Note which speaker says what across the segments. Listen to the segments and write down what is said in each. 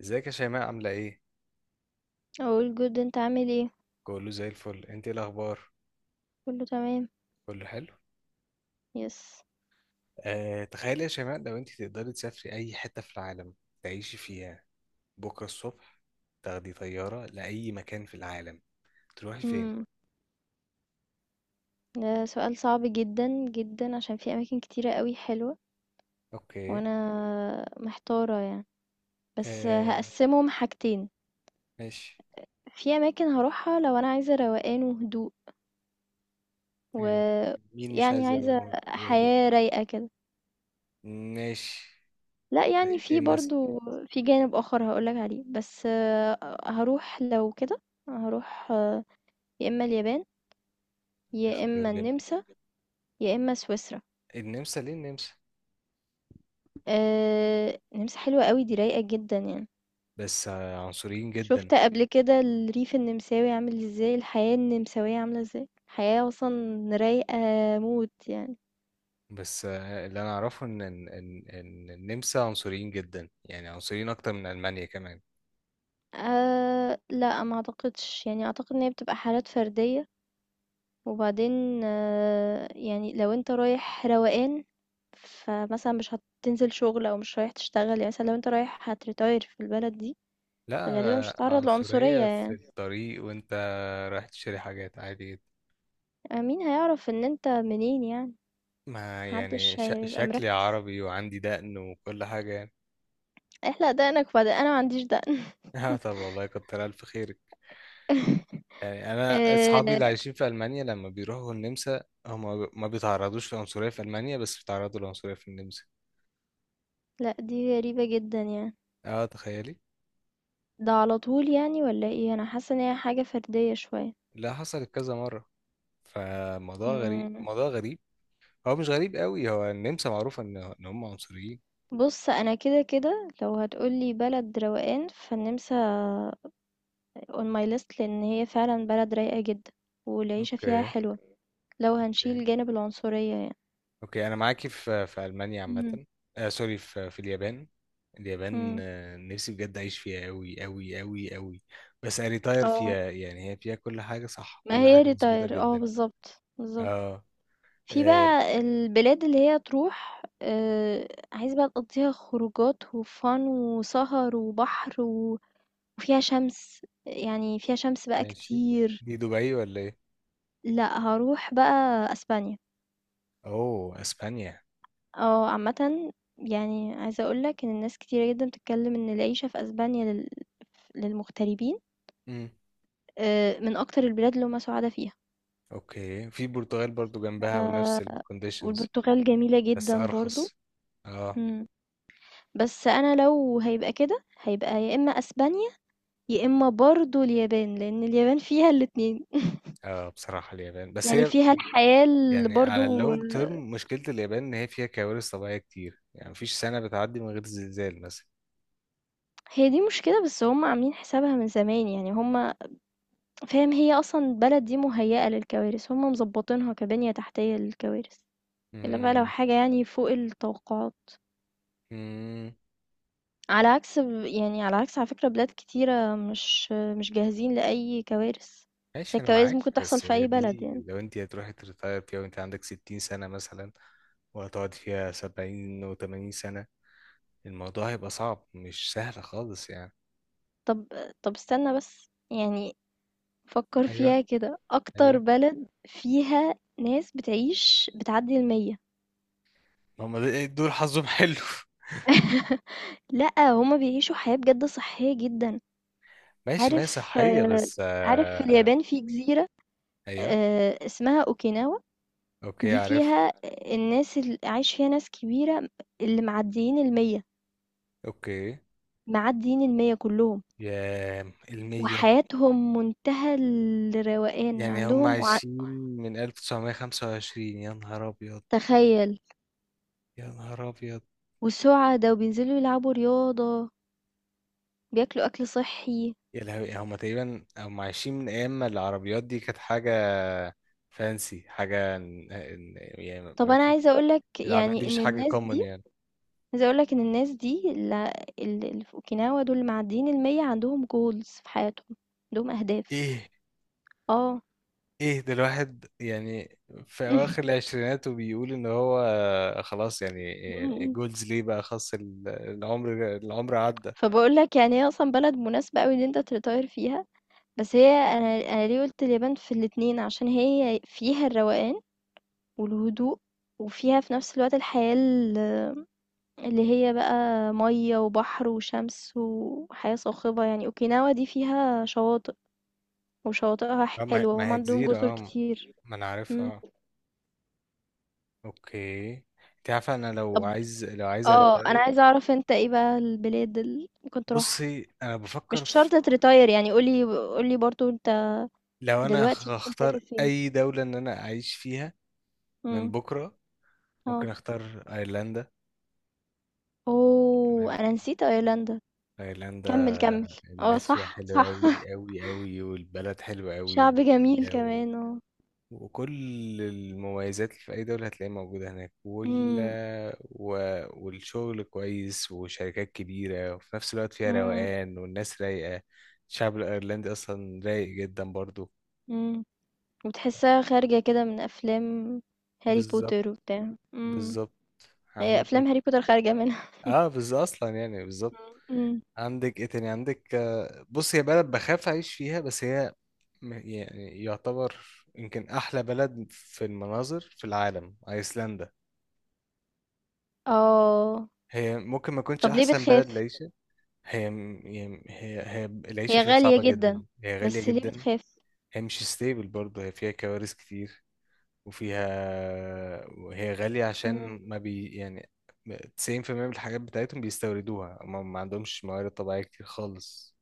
Speaker 1: ازيك يا شيماء، عاملة ايه؟
Speaker 2: all good أنت عامل إيه؟
Speaker 1: كله زي الفل. انت ايه الاخبار؟
Speaker 2: كله تمام
Speaker 1: كله حلو؟
Speaker 2: yes
Speaker 1: آه، تخيلي يا شيماء، لو انت تقدري تسافري اي حتة في العالم، تعيشي فيها، بكرة الصبح تاخدي طيارة لأي مكان في العالم، تروحي فين؟
Speaker 2: امم ده سؤال صعب جدا جدا عشان في أماكن كتيرة قوي حلوة
Speaker 1: اوكي.
Speaker 2: وأنا محتارة يعني بس
Speaker 1: آه،
Speaker 2: هقسمهم حاجتين.
Speaker 1: ماشي.
Speaker 2: في أماكن هروحها لو أنا عايزة روقان وهدوء و
Speaker 1: يعني مين مش
Speaker 2: يعني
Speaker 1: عايز
Speaker 2: عايزة
Speaker 1: يبقى وهدوء؟
Speaker 2: حياة رايقة كده.
Speaker 1: ماشي.
Speaker 2: لا يعني
Speaker 1: زي ايه
Speaker 2: في
Speaker 1: مثلا؟
Speaker 2: برضو في جانب آخر هقولك عليه بس هروح لو كده هروح يا إما اليابان يا
Speaker 1: اختيار
Speaker 2: إما
Speaker 1: جميل.
Speaker 2: النمسا يا إما سويسرا.
Speaker 1: النمسا، ليه النمسا؟
Speaker 2: النمسا حلوة أوي دي رايقة جدًا يعني.
Speaker 1: بس عنصريين جدا.
Speaker 2: شُفت قبل كده الريف النمساوي عامل إزاي، الحياة النمساوية عاملة إزاي؟ حياة أصلًا رايقة موت يعني.
Speaker 1: بس اللي انا اعرفه ان ان ان إن النمسا عنصريين جدا، يعني عنصريين اكتر من المانيا كمان.
Speaker 2: لأ ما أعتقدش، يعني أعتقد إن هي بتبقى حالات فردية، وبعدين أه يعني لو أنت رايح روقان، فمثلًا مش هتنزل شغل أو مش رايح تشتغل، يعني مثلًا لو أنت رايح هتretire في البلد دي،
Speaker 1: لا.
Speaker 2: غالبًا مش هتتعرّض لعنصرية
Speaker 1: عنصرية في
Speaker 2: يعني.
Speaker 1: الطريق، وانت رايح تشتري حاجات عادي جدا.
Speaker 2: مين هيعرف إن أنت منين يعني، ما
Speaker 1: ما يعني
Speaker 2: حدش هيبقى
Speaker 1: شكلي
Speaker 2: مركّز.
Speaker 1: عربي وعندي دقن وكل حاجة يعني.
Speaker 2: احلق دقنك وبعدين انا ما عنديش دقن
Speaker 1: اه، طب والله كتر الف خيرك. يعني انا اصحابي
Speaker 2: آه،
Speaker 1: اللي عايشين في المانيا لما بيروحوا النمسا، هم ما بيتعرضوش لعنصرية في المانيا، بس بيتعرضوا لعنصرية في النمسا.
Speaker 2: لا دي غريبة جدا يعني
Speaker 1: اه، تخيلي.
Speaker 2: ده على طول يعني ولا ايه انا حاسة ان هي حاجة فردية شوية.
Speaker 1: لا، حصلت كذا مرة، فموضوع غريب
Speaker 2: مم.
Speaker 1: موضوع غريب. هو مش غريب قوي، هو النمسا معروفة ان هم عنصريين.
Speaker 2: بص انا كده كده لو هتقولي بلد روقان فالنمسا on my list لان هي فعلا بلد رايقة جدا والعيشة فيها
Speaker 1: اوكي.
Speaker 2: حلوة لو
Speaker 1: اوكي.
Speaker 2: هنشيل جانب العنصرية يعني.
Speaker 1: اوكي، انا معاكي في المانيا
Speaker 2: مم.
Speaker 1: عامة. آه، سوري، في اليابان. اليابان،
Speaker 2: مم.
Speaker 1: نفسي بجد اعيش فيها قوي قوي قوي قوي. بس اريتاير
Speaker 2: اه
Speaker 1: فيها. يعني هي فيها كل حاجة صح،
Speaker 2: ما
Speaker 1: كل
Speaker 2: هي
Speaker 1: حاجة مظبوطة
Speaker 2: ريتاير اه
Speaker 1: جدا.
Speaker 2: بالظبط بالظبط.
Speaker 1: اه.
Speaker 2: في
Speaker 1: آه،
Speaker 2: بقى البلاد اللي هي تروح عايز بقى تقضّيها خروجات وfun وسهر وبحر و وفيها شمس، يعني فيها شمس بقى
Speaker 1: ماشي.
Speaker 2: كتير.
Speaker 1: دي دبي ولا ايه؟
Speaker 2: لأ هاروح بقى أسبانيا،
Speaker 1: اوه اسبانيا.
Speaker 2: عامةً يعني عايزة أقول لك إن الناس كتيرة جدًا بتتكلم إن العيشة في أسبانيا لل للمغتربين
Speaker 1: امم.
Speaker 2: من أكتر البلاد اللي هُم سُعَدا فيها.
Speaker 1: اوكي. في البرتغال برضو جنبها ونفس
Speaker 2: ف
Speaker 1: الكونديشنز،
Speaker 2: والبرتغال جميلة
Speaker 1: بس
Speaker 2: جدًا برضه.
Speaker 1: ارخص. اه.
Speaker 2: إمم، بس أنا لو هيبقى كده، هيبقى يا إما أسبانيا يا إما برضه اليابان، لإن اليابان فيها الاتنين
Speaker 1: اه، بصراحة اليابان، بس
Speaker 2: يعني
Speaker 1: هي
Speaker 2: فيها الحياة اللي
Speaker 1: يعني على
Speaker 2: برضه
Speaker 1: اللونج تيرم، مشكلة اليابان إن هي فيها كوارث طبيعية كتير. يعني مفيش سنة بتعدي من غير زلزال مثلا.
Speaker 2: هي دي مشكلة بس هم عاملين حسابها من زمان يعني هم فاهم هي أصلًا البلد دي مهيأة للكوارث، هم مضبطينها كبنية تحتية للكوارث، إلا بقى لو
Speaker 1: مم.
Speaker 2: حاجة يعني فوق التوقعات،
Speaker 1: مم.
Speaker 2: على عكس ب يعني على عكس على فكرة بلاد كتيرة مش جاهزين لأي كوارث، بس
Speaker 1: ماشي، أنا
Speaker 2: الكوارث
Speaker 1: معاك.
Speaker 2: ممكن تحصل
Speaker 1: بس
Speaker 2: في
Speaker 1: هي
Speaker 2: أي بلد
Speaker 1: دي
Speaker 2: يعني.
Speaker 1: لو أنت هتروحي تريتاير فيها وأنت عندك ستين سنة مثلا، وهتقعد فيها سبعين وتمانين سنة، الموضوع هيبقى صعب، مش سهل خالص يعني.
Speaker 2: طب طب استنى بس، يعني فكر
Speaker 1: أيوه.
Speaker 2: فيها كده اكتر
Speaker 1: أيوه.
Speaker 2: بلد فيها ناس بتعيش بتعدي المية.
Speaker 1: هما دول حظهم حلو.
Speaker 2: لأ هما بيعيشوا حياة بجد صحية جدا
Speaker 1: ماشي. ما هي
Speaker 2: عارف
Speaker 1: صحية، بس
Speaker 2: عارف في اليابان في جزيرة
Speaker 1: أيوه.
Speaker 2: اسمها اوكيناوا.
Speaker 1: أوكي،
Speaker 2: دي
Speaker 1: عرفت.
Speaker 2: فيها الناس اللي عايش فيها ناس كبيرة اللي معديين المية
Speaker 1: أوكي.
Speaker 2: معديين المية كلهم
Speaker 1: يا. المية.
Speaker 2: وحياتهم منتهى الروقان
Speaker 1: يعني هم
Speaker 2: عندهم وع...
Speaker 1: عايشين من 1925. يا نهار أبيض.
Speaker 2: تخيل
Speaker 1: يا نهار أبيض.
Speaker 2: والسعدة وبينزلوا يلعبوا رياضة بياكلوا أكل صحي.
Speaker 1: يا لهوي، هم تقريبا هم عايشين من أيام ما العربيات دي كانت حاجة فانسي. حاجة يعني
Speaker 2: طب
Speaker 1: ما
Speaker 2: أنا
Speaker 1: فيش.
Speaker 2: عايزة أقول لك
Speaker 1: العربيات دي
Speaker 2: يعني
Speaker 1: مش
Speaker 2: إن
Speaker 1: حاجة
Speaker 2: الناس
Speaker 1: كومن
Speaker 2: دي
Speaker 1: يعني.
Speaker 2: عايزة أقول لك إن الناس دي ال اللي في أوكيناوا دول اللي معديين المِيّة عندهم goals في حياتهم، عندهم أهداف.
Speaker 1: إيه.
Speaker 2: آه.
Speaker 1: إيه ده؟ الواحد يعني في أواخر العشرينات، وبيقول إن هو خلاص؟
Speaker 2: إمم،
Speaker 1: يعني
Speaker 2: إمم.
Speaker 1: جولز ليه بقى؟ خلاص العمر، العمر عدى.
Speaker 2: فباقول لك يعني هي أصلًا بلد مناسبة أوي إن أنت تretire فيها. بس هي أنا ليه قُلت اليابان في الاتنين، عشان هي فيها الروقان والهدوء، وفيها في نفس الوقت الحياة اللي هي بقى مَيّة وبحر وشمس وحياة صاخبة يعني، أوكيناوا دي فيها شواطئ. وشواطئها
Speaker 1: آه، ما
Speaker 2: حلوة
Speaker 1: ما
Speaker 2: وهم
Speaker 1: هي
Speaker 2: عندهم
Speaker 1: جزيرة،
Speaker 2: جزر
Speaker 1: اه.
Speaker 2: كتير.
Speaker 1: ما أنا
Speaker 2: مم.
Speaker 1: عارفها. اوكي. انت عارفه، انا
Speaker 2: طب
Speaker 1: لو عايز
Speaker 2: اه انا
Speaker 1: اريتاير،
Speaker 2: عايزة اعرف انت ايه بقى البلاد اللي ممكن تروحها
Speaker 1: بصي انا
Speaker 2: مش
Speaker 1: بفكر في،
Speaker 2: شرط تريتاير يعني قولي قولي برضو انت
Speaker 1: لو انا
Speaker 2: دلوقتي ممكن تسافر
Speaker 1: هختار
Speaker 2: فين.
Speaker 1: اي دوله ان انا اعيش فيها من
Speaker 2: مم.
Speaker 1: بكره،
Speaker 2: اه
Speaker 1: ممكن اختار ايرلندا.
Speaker 2: اوه
Speaker 1: تمام.
Speaker 2: انا نسيت ايرلندا
Speaker 1: ايرلندا،
Speaker 2: كمل كمل. اه
Speaker 1: الناس فيها
Speaker 2: صح
Speaker 1: حلوه
Speaker 2: صح
Speaker 1: قوي قوي قوي، والبلد حلوه قوي
Speaker 2: شعب جميل
Speaker 1: وجميله.
Speaker 2: كمان اه.
Speaker 1: وكل المميزات اللي في أي دولة هتلاقيها موجودة هناك
Speaker 2: مم.
Speaker 1: و... والشغل كويس، وشركات كبيرة، وفي نفس الوقت فيها
Speaker 2: مم.
Speaker 1: روقان والناس رايقة. الشعب الأيرلندي أصلا رايق جدا برضو.
Speaker 2: مم. وتحسها خارجة كده من افلام هاري بوتر
Speaker 1: بالظبط.
Speaker 2: وبتاع مم.
Speaker 1: بالظبط.
Speaker 2: هي
Speaker 1: عندك.
Speaker 2: افلام هاري بوتر خارجة منها.
Speaker 1: اه بالظبط، أصلا يعني بالظبط.
Speaker 2: مم. مم.
Speaker 1: عندك ايه تاني؟ عندك بص، هي بلد بخاف أعيش فيها، بس هي يعني يعتبر يمكن أحلى بلد في المناظر في العالم، أيسلندا.
Speaker 2: اه
Speaker 1: هي ممكن ما تكونش
Speaker 2: طب ليه
Speaker 1: أحسن بلد
Speaker 2: بتخاف؟
Speaker 1: لعيشة. هي هي العيشة
Speaker 2: هي
Speaker 1: فيها صعبة
Speaker 2: غالية
Speaker 1: جدا.
Speaker 2: جدًا،
Speaker 1: هي غالية
Speaker 2: بس ليه
Speaker 1: جدا.
Speaker 2: بتخاف؟
Speaker 1: هي مش ستيبل برضه. هي فيها كوارث كتير. وفيها، وهي غالية
Speaker 2: إمم.
Speaker 1: عشان ما بي يعني، 90% من الحاجات بتاعتهم بيستوردوها. ما عندهمش موارد طبيعية كتير خالص،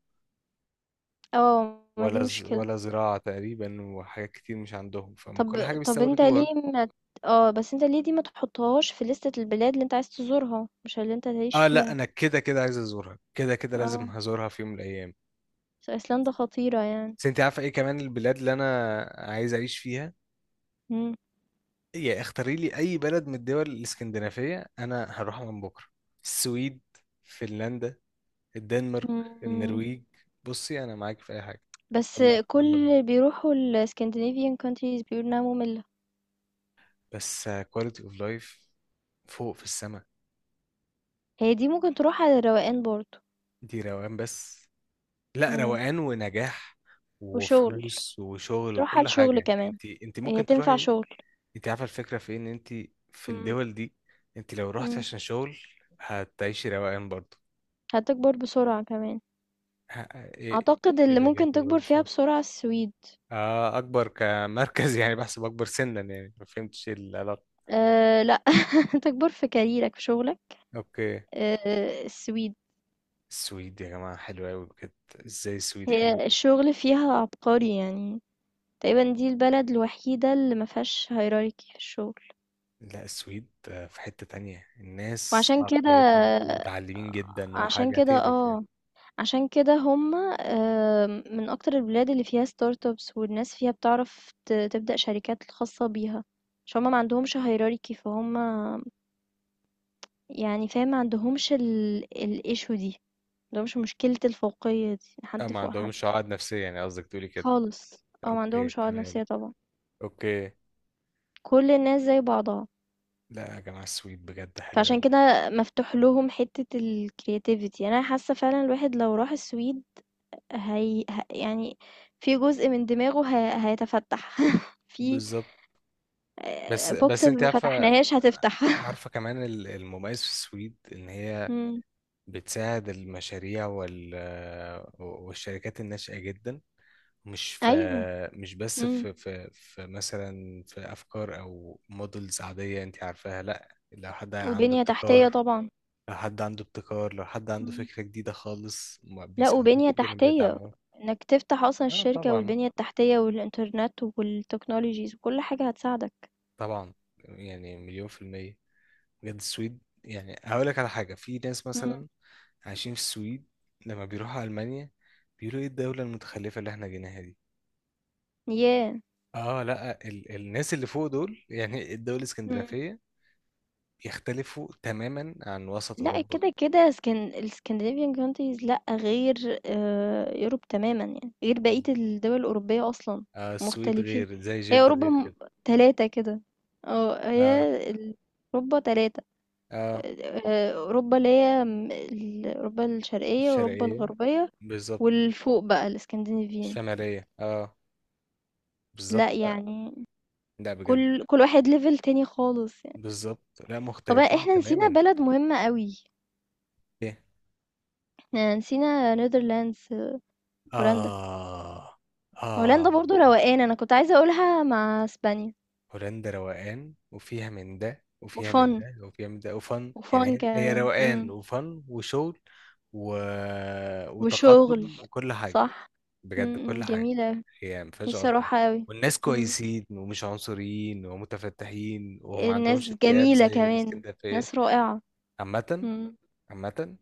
Speaker 2: آه، ما دي
Speaker 1: ولا
Speaker 2: مشكلة.
Speaker 1: ولا زراعة تقريبا، وحاجات كتير مش عندهم، فما كل
Speaker 2: طب
Speaker 1: حاجة
Speaker 2: طب أنت
Speaker 1: بيستوردوها.
Speaker 2: ليه ما ت آه، بس أنت ليه دي ما تحطّهاش في لِستة البلاد اللي أنت عايز تزورها، مش اللي أنت تعيش
Speaker 1: اه، لا،
Speaker 2: فيها.
Speaker 1: انا كده كده عايز ازورها، كده كده لازم
Speaker 2: آه،
Speaker 1: هزورها في يوم من الايام.
Speaker 2: أصل أيسلندا خطيرة يعني.
Speaker 1: بس انت عارفة ايه كمان البلاد اللي انا عايز اعيش فيها؟
Speaker 2: إمم،
Speaker 1: يا اختاري لي اي بلد من الدول الاسكندنافيه، انا هروحها من بكره. السويد، فنلندا، الدنمارك،
Speaker 2: إمم،
Speaker 1: النرويج. بصي انا معاك في اي حاجه.
Speaker 2: بس
Speaker 1: يلا
Speaker 2: كل
Speaker 1: يلا بينا.
Speaker 2: اللي بيروحوا الscandinavian countries بيقولوا إنها مُمِلّة.
Speaker 1: بس كواليتي اوف لايف فوق في السماء.
Speaker 2: هي دي ممكن تروح على الروقان برضه.
Speaker 1: دي روقان بس. لا،
Speaker 2: إمم،
Speaker 1: روقان ونجاح
Speaker 2: وشغل،
Speaker 1: وفلوس وشغل
Speaker 2: تروح على
Speaker 1: وكل
Speaker 2: الشغل
Speaker 1: حاجه.
Speaker 2: كمان،
Speaker 1: انت
Speaker 2: هي
Speaker 1: ممكن
Speaker 2: تنفع
Speaker 1: تروحي.
Speaker 2: شغل.
Speaker 1: انت عارفه الفكره في إيه؟ ان انت في
Speaker 2: إمم،
Speaker 1: الدول دي، انت لو رحت
Speaker 2: إمم،
Speaker 1: عشان شغل هتعيشي روقان برضه.
Speaker 2: هتكبر بسرعة كمان.
Speaker 1: ايه؟ ايه؟
Speaker 2: أعتقد
Speaker 1: إيه
Speaker 2: اللي
Speaker 1: ده؟ ليه
Speaker 2: ممكن
Speaker 1: تكبر؟
Speaker 2: تكبر فيها بسرعة السويد
Speaker 1: اه، اكبر كمركز. يعني بحسب اكبر سنا يعني. ما فهمتش ايه العلاقه.
Speaker 2: أه لأ تكبر في كاريرك في شغلك
Speaker 1: اوكي.
Speaker 2: أه السويد.
Speaker 1: السويد يا جماعه حلوه قوي بجد. ازاي السويد حلوه
Speaker 2: هي
Speaker 1: كده؟
Speaker 2: الشغل فيها عبقري يعني تقريبا دي البلد الوحيدة اللي ما فيهاش هيراركي في الشغل.
Speaker 1: لا، السويد في حته تانية، الناس
Speaker 2: وعشان كده
Speaker 1: عقليتهم متعلمين جدا
Speaker 2: عشان
Speaker 1: وحاجه
Speaker 2: كده
Speaker 1: تقرف يعني.
Speaker 2: اه عشان كده هما من أكتر البلاد اللي فيها ستارت ابس والناس فيها بتعرف تبدأ شركات خاصة بيها. عشان هما ما عندهمش هيراركي فهم يعني فاهم ما عندهمش ال issue دي. ده مش مشكلة الفوقية دي
Speaker 1: اه،
Speaker 2: حد
Speaker 1: ما
Speaker 2: فوق حد
Speaker 1: عندهمش عقد نفسيه؟ يعني قصدك تقولي كده.
Speaker 2: خالص او ما
Speaker 1: اوكي
Speaker 2: عندهمش عقد
Speaker 1: تمام.
Speaker 2: نفسية طبعا
Speaker 1: اوكي.
Speaker 2: كل الناس زي بعضها.
Speaker 1: لا يا جماعه، السويد بجد حلوه
Speaker 2: فعشان
Speaker 1: قوي.
Speaker 2: كده مفتوح لهم حتة الكرياتيفيتي انا حاسة فعلا الواحد لو راح السويد يعني في جزء من دماغه هيتفتح في
Speaker 1: بالظبط. بس
Speaker 2: بوكس
Speaker 1: بس انت
Speaker 2: ما
Speaker 1: عارفه.
Speaker 2: فتحناهاش هتفتح
Speaker 1: عارفه كمان المميز في السويد، ان هي
Speaker 2: مم.
Speaker 1: بتساعد المشاريع والشركات الناشئة جدا. مش في،
Speaker 2: ايوه
Speaker 1: مش بس
Speaker 2: مم.
Speaker 1: في مثلا في أفكار أو مودلز عادية أنت عارفاها. لأ،
Speaker 2: وبنية تحتية طبعا
Speaker 1: لو حد عنده
Speaker 2: مم.
Speaker 1: فكرة جديدة خالص، ما
Speaker 2: لأ
Speaker 1: بيساعدوه
Speaker 2: وبنية
Speaker 1: جدا
Speaker 2: تحتية،
Speaker 1: وبيدعموه.
Speaker 2: إنك تفتح أصلًا
Speaker 1: اه،
Speaker 2: الشركة
Speaker 1: طبعا.
Speaker 2: والبنية التحتية والإنترنت والtechnologies وكل حاجة هتساعدك.
Speaker 1: طبعا، يعني مليون في المية. بجد السويد. يعني هقول لك على حاجة، في ناس
Speaker 2: إمم.
Speaker 1: مثلا عايشين في السويد، لما بيروحوا ألمانيا بيقولوا ايه الدولة المتخلفة اللي احنا جيناها.
Speaker 2: ياه!
Speaker 1: اه، لا، الناس اللي فوق دول، يعني الدول
Speaker 2: إمم.
Speaker 1: الاسكندنافية، يختلفوا تماما عن وسط
Speaker 2: لأ
Speaker 1: أوروبا.
Speaker 2: كده، كده اسكن الscandinavian countries لأ غير Europe تمامًا يعني، غير بقية
Speaker 1: ال-
Speaker 2: الدول الأوروبية أصلًا،
Speaker 1: السويد
Speaker 2: مختلفين.
Speaker 1: غير، زي
Speaker 2: هي
Speaker 1: جدة،
Speaker 2: أوروبا
Speaker 1: غير
Speaker 2: م
Speaker 1: كده.
Speaker 2: 3 كده، آه
Speaker 1: اه.
Speaker 2: هي ال أوروبا 3.
Speaker 1: اه،
Speaker 2: أوروبا اللي هي م ال أوروبا الشرقية، أوروبا
Speaker 1: الشرقية،
Speaker 2: الغربية،
Speaker 1: بالظبط.
Speaker 2: والفوق بقى الscandinavian.
Speaker 1: الشمالية. اه،
Speaker 2: لأ،
Speaker 1: بالظبط. لا.
Speaker 2: يعني
Speaker 1: لا بجد.
Speaker 2: كل واحد level تاني خالص يعني.
Speaker 1: بالظبط، لا،
Speaker 2: طَب
Speaker 1: مختلفين
Speaker 2: إحنا نسينا
Speaker 1: تماما.
Speaker 2: بلد مهمة أوي،
Speaker 1: ايه؟
Speaker 2: إحنا نسينا Netherlands، هولندا.
Speaker 1: اه. اه،
Speaker 2: هولندا برضه روقان، أنا كنت عايزة أقولها مع إسبانيا
Speaker 1: هولندا روقان، وفيها من ده، وفيها
Speaker 2: وfun
Speaker 1: من ده، وفيها من ده، وفن. يعني
Speaker 2: وfun
Speaker 1: هي
Speaker 2: كمان،
Speaker 1: روقان وفن وشغل و...
Speaker 2: وشغل،
Speaker 1: وتقدم وكل حاجة.
Speaker 2: صح،
Speaker 1: بجد
Speaker 2: إمم، إمم،
Speaker 1: كل حاجة.
Speaker 2: جميلة أوي،
Speaker 1: هي ما فيهاش
Speaker 2: نفسي
Speaker 1: غلطة.
Speaker 2: أروحها أوي،
Speaker 1: والناس
Speaker 2: إمم،
Speaker 1: كويسين ومش عنصريين ومتفتحين، وما
Speaker 2: الناس
Speaker 1: عندهمش اكتئاب
Speaker 2: جميلة
Speaker 1: زي
Speaker 2: كمان،
Speaker 1: الاسكندرية.
Speaker 2: ناس رائعة،
Speaker 1: عامة.
Speaker 2: إمم.
Speaker 1: عامة،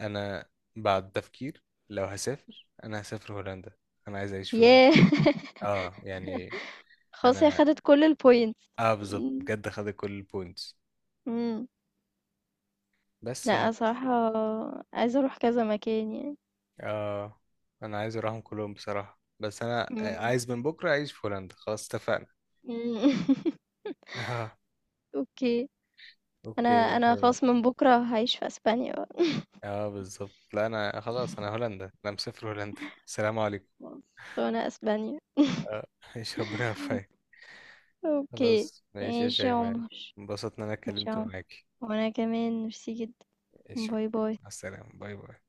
Speaker 1: أنا بعد تفكير، لو هسافر أنا هسافر هولندا. أنا عايز أعيش في هولندا.
Speaker 2: ياه!
Speaker 1: اه يعني.
Speaker 2: خلاص هي
Speaker 1: أنا،
Speaker 2: خدت كل الpoints.
Speaker 1: اه بالظبط
Speaker 2: إمم،
Speaker 1: بجد، خدت كل البوينتس.
Speaker 2: إمم،
Speaker 1: بس
Speaker 2: لأ،
Speaker 1: يعني.
Speaker 2: صراحة عايزة أروح كذا مكان يعني.
Speaker 1: اه، انا عايز اروحهم كلهم بصراحة، بس انا
Speaker 2: إمم.
Speaker 1: عايز من بكرة اعيش في هولندا. خلاص، اتفقنا.
Speaker 2: إمم.
Speaker 1: اه.
Speaker 2: أوكي. أنا
Speaker 1: اوكي،
Speaker 2: أنا
Speaker 1: فاهم.
Speaker 2: خلاص من بُكرة هاعيش في أسبانيا بقى
Speaker 1: اه بالظبط. لا انا خلاص، انا هولندا، انا مسافر هولندا. السلام عليكم.
Speaker 2: خلاص، أنا أسبانيا.
Speaker 1: اه، ايش، ربنا يوفقك.
Speaker 2: أوكي.
Speaker 1: خلاص، ماشي يا
Speaker 2: ماشي يا
Speaker 1: شيماء.
Speaker 2: عمر،
Speaker 1: انبسطت ان انا
Speaker 2: ماشي يا
Speaker 1: اتكلمت
Speaker 2: عمر
Speaker 1: معاكي.
Speaker 2: وأنا كمان ميرسي جدًا.
Speaker 1: ماشي
Speaker 2: باي
Speaker 1: أوكي.
Speaker 2: باي.
Speaker 1: مع السلامة. باي باي.